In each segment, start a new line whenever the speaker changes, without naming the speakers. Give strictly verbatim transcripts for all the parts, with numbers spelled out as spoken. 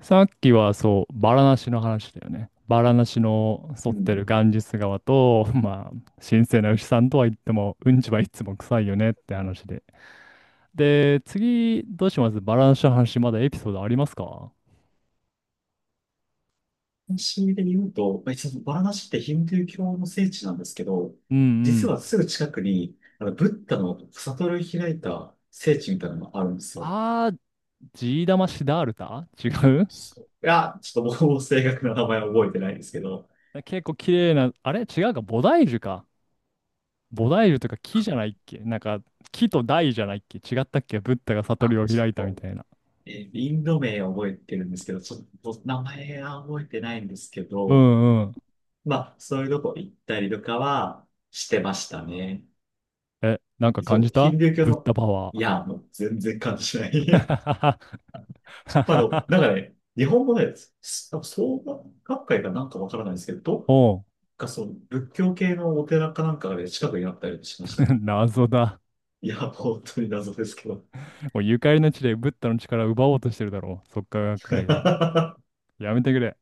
さっきはそう、バラナシの話だよね。バラナシの
う
沿って
ん。
るガンジス川と、まあ、神聖な牛さんとは言っても、うんちはいつも臭いよねって話で。で、次、どうします？バラナシの話、まだエピソードありますか？
そういう意味で言うと、まあ、一応バラナシってヒンドゥー教の聖地なんですけど、
うんう
実は
ん。
すぐ近くに、あの、ブッダの悟り開いた聖地みたいなのがあるんですよ。
あー、ジーダマシダールタ違う？
そういや、ちょっともう正確な名前は覚えてないんですけど、
結構綺麗な、あれ違うか、菩提樹か。菩提樹とか木じゃないっけ？なんか、木と大じゃないっけ？違ったっけ？ブッダが悟
あ、
りを
ち
開いたみ
ょっと、
たいな。
えーインド名を覚えてるんですけど、ちょっと名前は覚えてないんですけ
う
ど、
んうん。
まあ、そういうとこ行ったりとかはしてましたね。
え、なんか
そ
感
う、
じ
ヒ
た？
ンドゥー教
ブッ
の、
ダパワ
い
ー。
や、もう全然感じない。 まああの、なんかね、日本語で、すなんか創価学会かなんかわからないですけど、どっ
おう、
かその仏教系のお寺かなんかで近くにあったりしましたね。
謎だ。
いや、本当に謎ですけど。
もうゆかりの地でブッダの力を奪おうとしてるだろう。即価学会が。
っ
やめてくれ。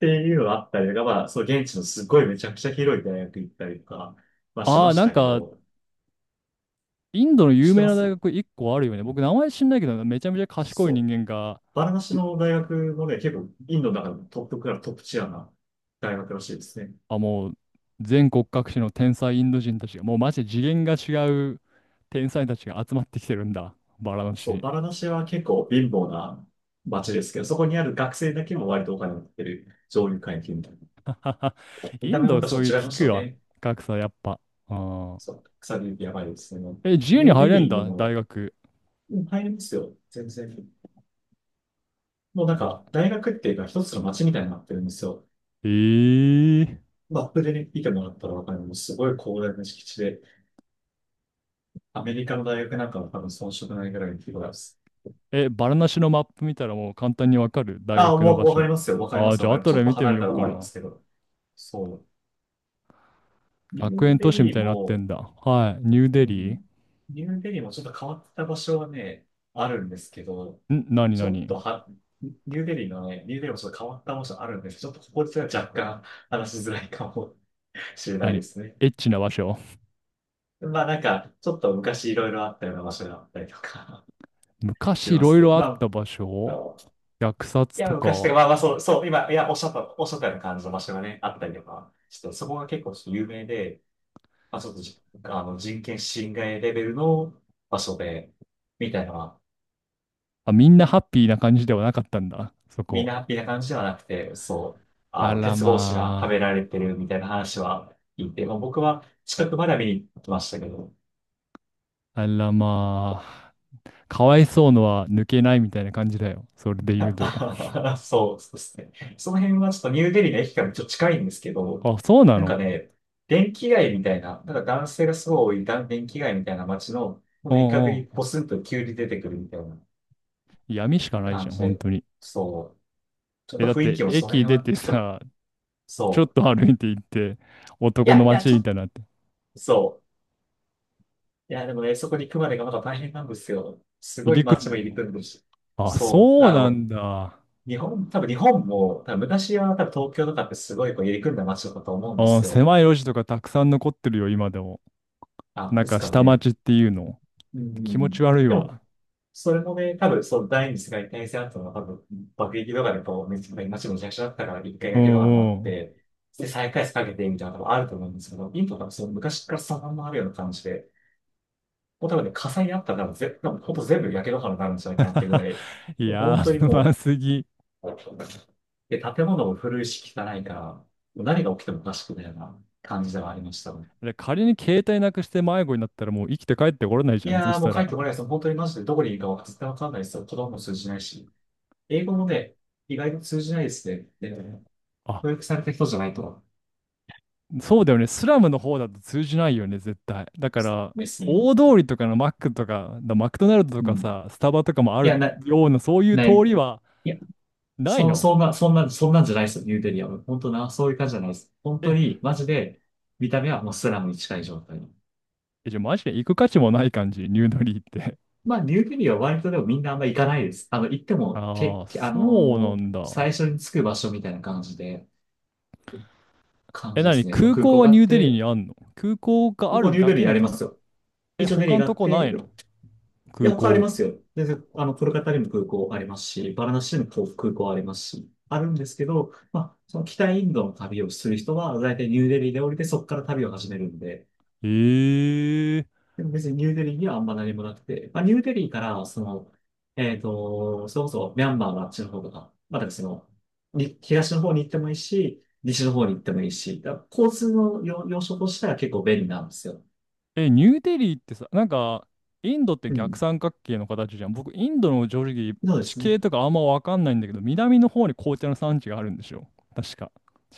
ていうのがあったりとか、まあ、そう、現地のすごいめちゃくちゃ広い大学行ったりとか、まあし
あ
ま
あ、
し
なん
たけ
か、
ど、
インドの
知
有
って
名
ま
な大
す。
学いっこあるよね。僕、名前知んないけど、めちゃめちゃ賢い
そ
人
う。
間が、
バラナシの大学もね、結構インドの中でもトップクラス、トップチアな大学らしいですね。
あ、もう、全国各地の天才インド人たちが、もうマジで次元が違う天才たちが集まってきてるんだ。バラの
そう、
地。
バラナシは結構貧乏な街ですけど、そこにある学生だけも割とお金を持ってる上流階級みたいな。見
イ
た目
ン
もやっ
ド、
ぱちょ
そう
っ
いう
と違いま
聞
し
く
た
わ。
ね。
格差、やっぱ。うん。
そう、草ビューティーやばいですね。
え、自由
ニ
に
ューデ
入れ
リ
ん
ーに
だ、
も、
大学？
うん、入りますよ、全然。もうなん
な、
か、大学っていうか一つの街みたいになってるんですよ。
ええ
マップでね、見てもらったらわかる、もうすごい広大な敷地で、アメリカの大学なんかは多分遜色ないぐらいの規模です。
え、バラなしのマップ見たらもう簡単にわかる？大
ああ、
学の
もう
場
わかり
所。
ますよ、わかりま
ああ、
す、
じ
わ
ゃ
か
あ
ります。
後
ちょっ
で
と
見て
離
み
れ
よ
た
う
らわ
か
かりま
な。
すけど。そう。ニ
学
ュー
園
デ
都市み
リー
たいになって
も、
んだ。はい。ニュー
う
デリー？
ん。ニューデリーもちょっと変わった場所はね、あるんですけど、
ん、何？
ちょっと
何？
は、ニューデリーのね、ニューデリーもちょっと変わった場所あるんですけど、ちょっとここでは若干話しづらいかもしれないで
何？
すね。
エッチな場所？
まあなんか、ちょっと昔いろいろあったような場所があったりとか し
昔い
ます
ろい
と、
ろあっ
ま
た場
あ、あ
所？
の
虐
い
殺
や、
と
昔と
か。
か、まあまあそう、そう、今、いや、おっしゃった、おっしゃったような感じの場所がね、あったりとか、ちょっとそこが結構ちょっと有名で、まあちょっとじ、あの、人権侵害レベルの場所で、みたいなのは
あ、みんなハッピーな感じではなかったんだ。そ
みん
こ。
なハッピーな感じではなくて、そう、あ
あ
の、
ら
鉄格子がはめ
ま
られてるみたいな話は聞いて、まあ、僕は近くまでは見に行きましたけど、
あ。あらまあ。かわいそうのは抜けないみたいな感じだよ。それで言うと。
そう、そうですね。その辺はちょっとニューデリーの駅からちょっと近いんですけど、
あ、そうな
なんか
の？
ね、電気街みたいな、なんか男性がすごい多いだ電気街みたいな街の、ほん
う
と一角
んう
に
ん。
ポツンと急に出てくるみたいな
闇しかないじ
感
ゃん、
じ
本
で、
当に。
そう、ちょっ
え、
と
だっ
雰囲
て
気もその
駅
辺
出
は
て
ちょっと、
さ、ちょっ
そう、
と歩いて行って、
い
男
や、
の
いや、
街
ちょっ
み
と、
たいになって。
そう。いや、でもね、そこに行くまでがまだ大変なんですよ。す
入
ごい
り組ん
街
で
も入
る
り
の？
組んでるし。
あ、
そう。
そう
あ
な
の、
んだ。
日本、多分日本も、多分昔は多分東京とかってすごいこう入り組んだ街だったと思うんで
あ、
すよ。
狭い路地とかたくさん残ってるよ、今でも。
あ、
なん
です
か
から
下
ね。
町っていうの。
う
気持
ん。
ち悪い
でも、
わ。
それもね、多分そう、第二次世界大戦後の多分、爆撃とかでこう、めちゃめちゃ街もめちちゃだったから、一回
う
だけのにな
ん
っ
うん。
て、で、再開発かけてみたいなのもあると思うんですけど、インドはそう昔からそのまんまあるような感じで、もう多分ね、火災にあったら多分ぜ、多分ほんと全部焼け野原になるんじゃないかなっていうぐ らい、
いや
本当
ー、
に
不
も
満すぎ。
う、で、建物も古いし汚いから、もう何が起きてもおかしくないような感じではありました。
で仮に携帯なくして迷子になったらもう生きて帰ってこれないじ
い
ゃん、そ
やー
し
もう
た
帰っ
ら。
てこないです。本当にマジでどこにいるかは絶対わかんないですよ。子供も通じないし。英語もね、意外と通じないですね。で、
あ、
教育された人じゃないと。
そうだよね。スラムの方だと通じないよね、絶対。だから、
ですね。
大通りとかのマックとか、だマクドナルドと
う
か
ん。
さ、スタバとかもあ
い
る
や、な、
ような、そういう
な
通
い。
りは、ない
そ、
の？
そんな、そんな、そんなんじゃないですよ、ニューデリアは。本当な、そういう感じじゃないです。本当
え、
に、マジで、見た目はもうスラムに近い状態の。
えじゃあマジで行く価値もない感じ、ニューデリーって。
まあ、ニューデリアは割とでもみんなあんま行かないです。あの、行って も、け、
ああ、
け、あ
そうな
のー
んだ。
最初に着く場所みたいな感じで、感
え、
じで
なに、
すね。
空
空
港
港
は
があ
ニ
っ
ューデリー
て、
にあんの？空港が
空
あ
港ニ
る
ュー
だ
デ
け
リアあ
の
りま
ため？
すよ。
え、
一応デリ
他
ー
の
があ
と
っ
こな
て、
いの？
いや、
空
他あり
港。
ますよ。で、あの、コルカタにも空港ありますし、バラナシにも空港ありますし、あるんですけど、まあ、その北インドの旅をする人は、大体ニューデリーで降りて、そこから旅を始めるんで、
えー、
でも別にニューデリーにはあんま何もなくて、まあ、ニューデリーから、その、えっと、それこそミャンマーのあっちの方とか、まあ、だからその、に東の方に行ってもいいし、西の方に行ってもいいし、だから交通の要、要所としては結構便利なんですよ。
え、ニューデリーってさ、なんか、インドって
う
逆
ん。
三角形の形じゃん。僕、インドの正直、
そうで
地
すね。
形とかあんまわかんないんだけど、南の方に紅茶の産地があるんでしょ？確か。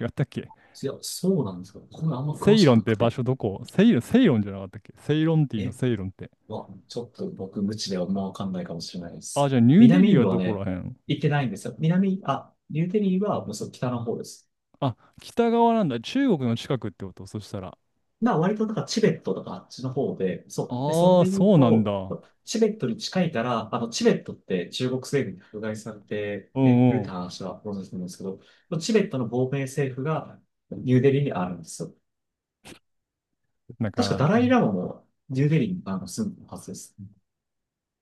違ったっけ？
いや、そうなんですよ。これあんま
セ
詳
イ
し
ロ
く
ンっ
な
て
く
場
て。
所どこ？セイロン、セイロンじゃなかったっけ？セイロンティーの
え、
セイロンって。
わ、ちょっと僕無知ではもうわかんないかもしれないで
あ、
す。
じゃあニューデ
南
リ
イ
ー
ン
は
ドは
どこ
ね、
らへん？
行ってないんですよ。南、あ、ニューデリーはもうそう北の方です。
あ、北側なんだ。中国の近くってことそしたら。
まあ割となんかチベットとかあっちの方で、そう。で、それ
ああ、
で言う
そうなん
と、
だ。う
チベットに近いから、あの、チベットって中国政府に迫害されて、
ん
ね、古
う
田
ん。
話はご存知なんですけど、チベットの亡命政府がニューデリーにあるんですよ。
なん
確か
か、
ダライラマもニューデリーにあの住んでるはずです。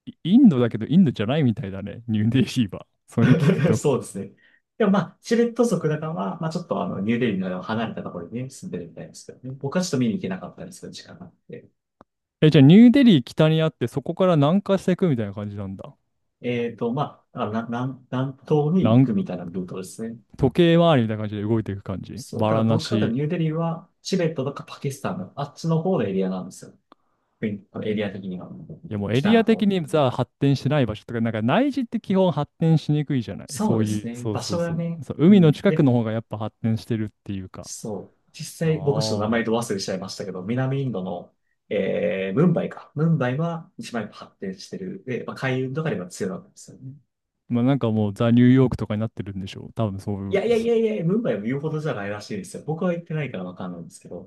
イインドだけどインドじゃないみたいだね。ニューデリーは。それ聞く と。
そうですね。でもまあ、チベット族だからは、まあちょっとあの、ニューデリーの離れたところにね、住んでるみたいですけどね。僕はちょっと見に行けなかったんですけど、時間があって。
え、じゃあニューデリー北にあってそこから南下していくみたいな感じなんだ。
えっと、まあ、あのな南、南東
な
に行
ん
くみたいなルートですね。
時計回りみたいな感じで動いていく感じ。
そう、
バ
だから
ラ
ど
ナ
っちかというと
シ。
ニューデリーはチベットとかパキスタンのあっちの方のエリアなんですよ。国エリア的には。
いやもうエ
北
リ
の
ア的
方。
にさ、発展してない場所とか、なんか内地って基本発展しにくいじゃない。
そ
そ
う
う
です
いう、
ね。
そう
場
そ
所
うそ
が
う。
ね。
そう、
う
海の
ん。
近く
で、
の方がやっぱ発展してるっていうか。
そう。実
あ
際、僕ちょっと名前
あ。
と忘れちゃいましたけど、南インドの、えー、ムンバイか。ムンバイは一番やっぱ発展してる。で、まあ、海運とかでは強いわけですよね。
まあなんかもうザ・ニューヨークとかになってるんでしょう。多分そう
い
いう。
やいやい
そ、
やいや、ムンバイも言うほどじゃないらしいですよ。僕は行ってないからわかんないんですけど。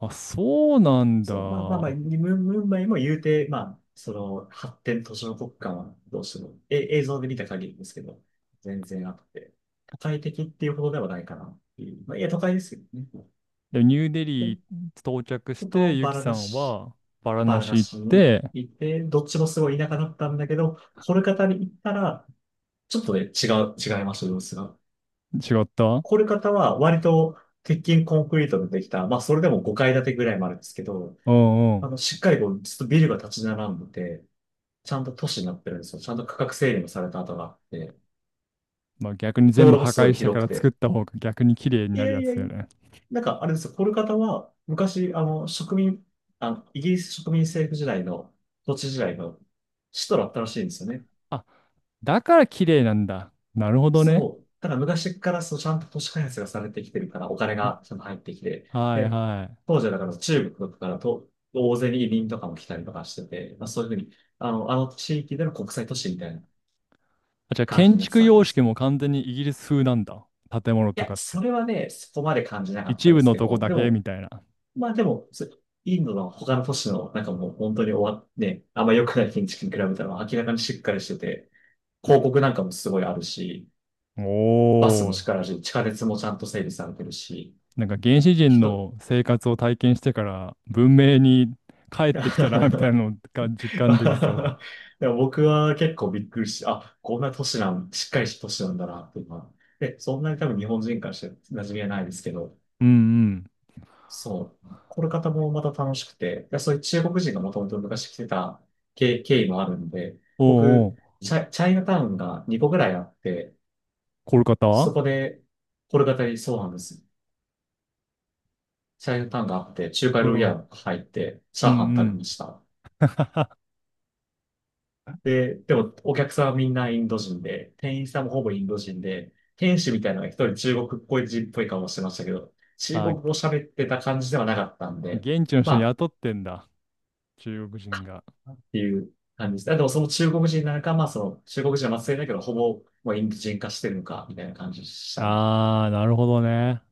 あ、そうなんだ。
そう、まあまあまあ、ムムンバイも言うて、まあ、その発展途上国家はどうしても、え、映像で見た限りですけど、全然あって、都会的っていうほどではないかなっていう。まあ、いや、都会ですよね。
で、ニューデ
で、
リー到着
あ
して、
と、
ユ
バ
キ
ラ
さ
ナ
ん
シ、
はバラ
バ
ナ
ラナ
シ行っ
シに
て、
行って、どっちもすごい田舎だったんだけど、コルカタに行ったら、ちょっとね、違う、違いました、様子が。
違った？
コルカタは割と鉄筋コンクリートでできた、まあ、それでもごかい建てぐらいもあるんですけど、
うんう
あ
ん。
の、しっかりこう、ずっとビルが立ち並んでて、ちゃんと都市になってるんですよ。ちゃんと区画整理もされた跡があって、
まあ逆に
道
全部
路も
破
すごい
壊して
広
か
く
ら作っ
て。
た方が逆に綺麗に
い
な
や
る
い
や
や
つ
い
だよ
や、
ね。
なんかあれですよ、コルカタは昔、あの、植民、あの、イギリス植民政府時代の、土地時代の首都だったらしいんですよね。
あ、だから綺麗なんだ。なるほどね。
そう。ただ昔からそうちゃんと都市開発がされてきてるから、お金がちゃんと入ってきて、
はい
で、
はい。
当時はだから中国からと、大勢に移民とかも来たりとかしてて、まあ、そういうふうに、あの、あの地域での国際都市みたいな
あ、じゃあ
感じ
建
になって
築
たわけ
様
です
式
よ。
も完全にイギリス風なんだ。建物
い
と
や、
かっ
そ
て。
れはね、そこまで感じなかった
一
で
部
す
の
け
とこ
ど、
だ
で
け
も、
みたいな。
まあでも、そインドの他の都市の、なんかもう本当に終わって、あんま良くない建築に比べたら明らかにしっかりしてて、広告なんかもすごいあるし、バスも
お
しっ
ー。
からし、地下鉄もちゃんと整備されてるし、
なんか原始人
人、
の生活を体験してから文明に帰ってきたなみたいな のが実感できそ
でも僕は結構びっくりして、あ、こんな都市なん、しっかりした都市なんだな、っていうのは。で、そんなに多分日本人からして馴染みはないですけど、
う。うんうん。
そう。これ方もまた楽しくて、いやそういう中国人がもともと昔来てた経、経緯もあるんで、
おうお
僕、
う、
チャ、チャイナタウンがにこぐらいあって、
コルカタ？
そ
う
こで、これ方にそうなんです。チャイナタウンがあって、中華料理屋
ん。
が入って、チ
う
ャ
ん
ーハン食
う
べまし
ん。
た。で、でも、お客さんはみんなインド人で、店員さんもほぼインド人で、店主みたいなのが一人中国っぽい人っぽい顔をしてましたけど、中国
あ、
語喋ってた感じではなかったんで、
現地の
ま
人
あ、
雇ってんだ。中国人が。
っていう感じです。あ、でもその中国人なのか、まあその中国人は末裔だけど、ほぼもうインド人化してるのか、みたいな感じでしたね。
あー、なるほどね。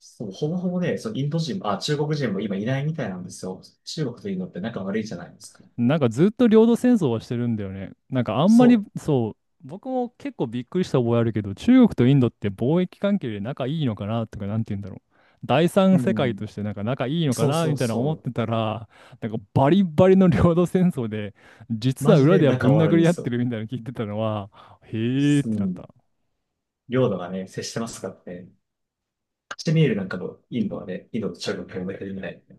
そう、ほぼほぼね、そのインド人も、あ、中国人も今いないみたいなんですよ。中国とインドって仲悪いじゃないですか。
なんかずっと領土戦争はしてるんだよね。なんかあんまり
そ
そう、僕も結構びっくりした覚えあるけど、中国とインドって貿易関係で仲いいのかなとか、なんて言うんだろう。第
う。
三
う
世界と
ん。
してなんか仲いいのか
そう
な
そ
み
う
たいな
そ
思っ
う。
てたら、なんかバリバリの領土戦争で、実
マ
は
ジ
裏
で
では
仲
ぶん
悪い
殴
んで
り合っ
す
て
よ。
るみたいなの聞いてたのは、へーっ
う
てなっ
ん。
た。
領土がね、接してますからね。カシミールなんかもインドはね、インドと中国が同じみたいな。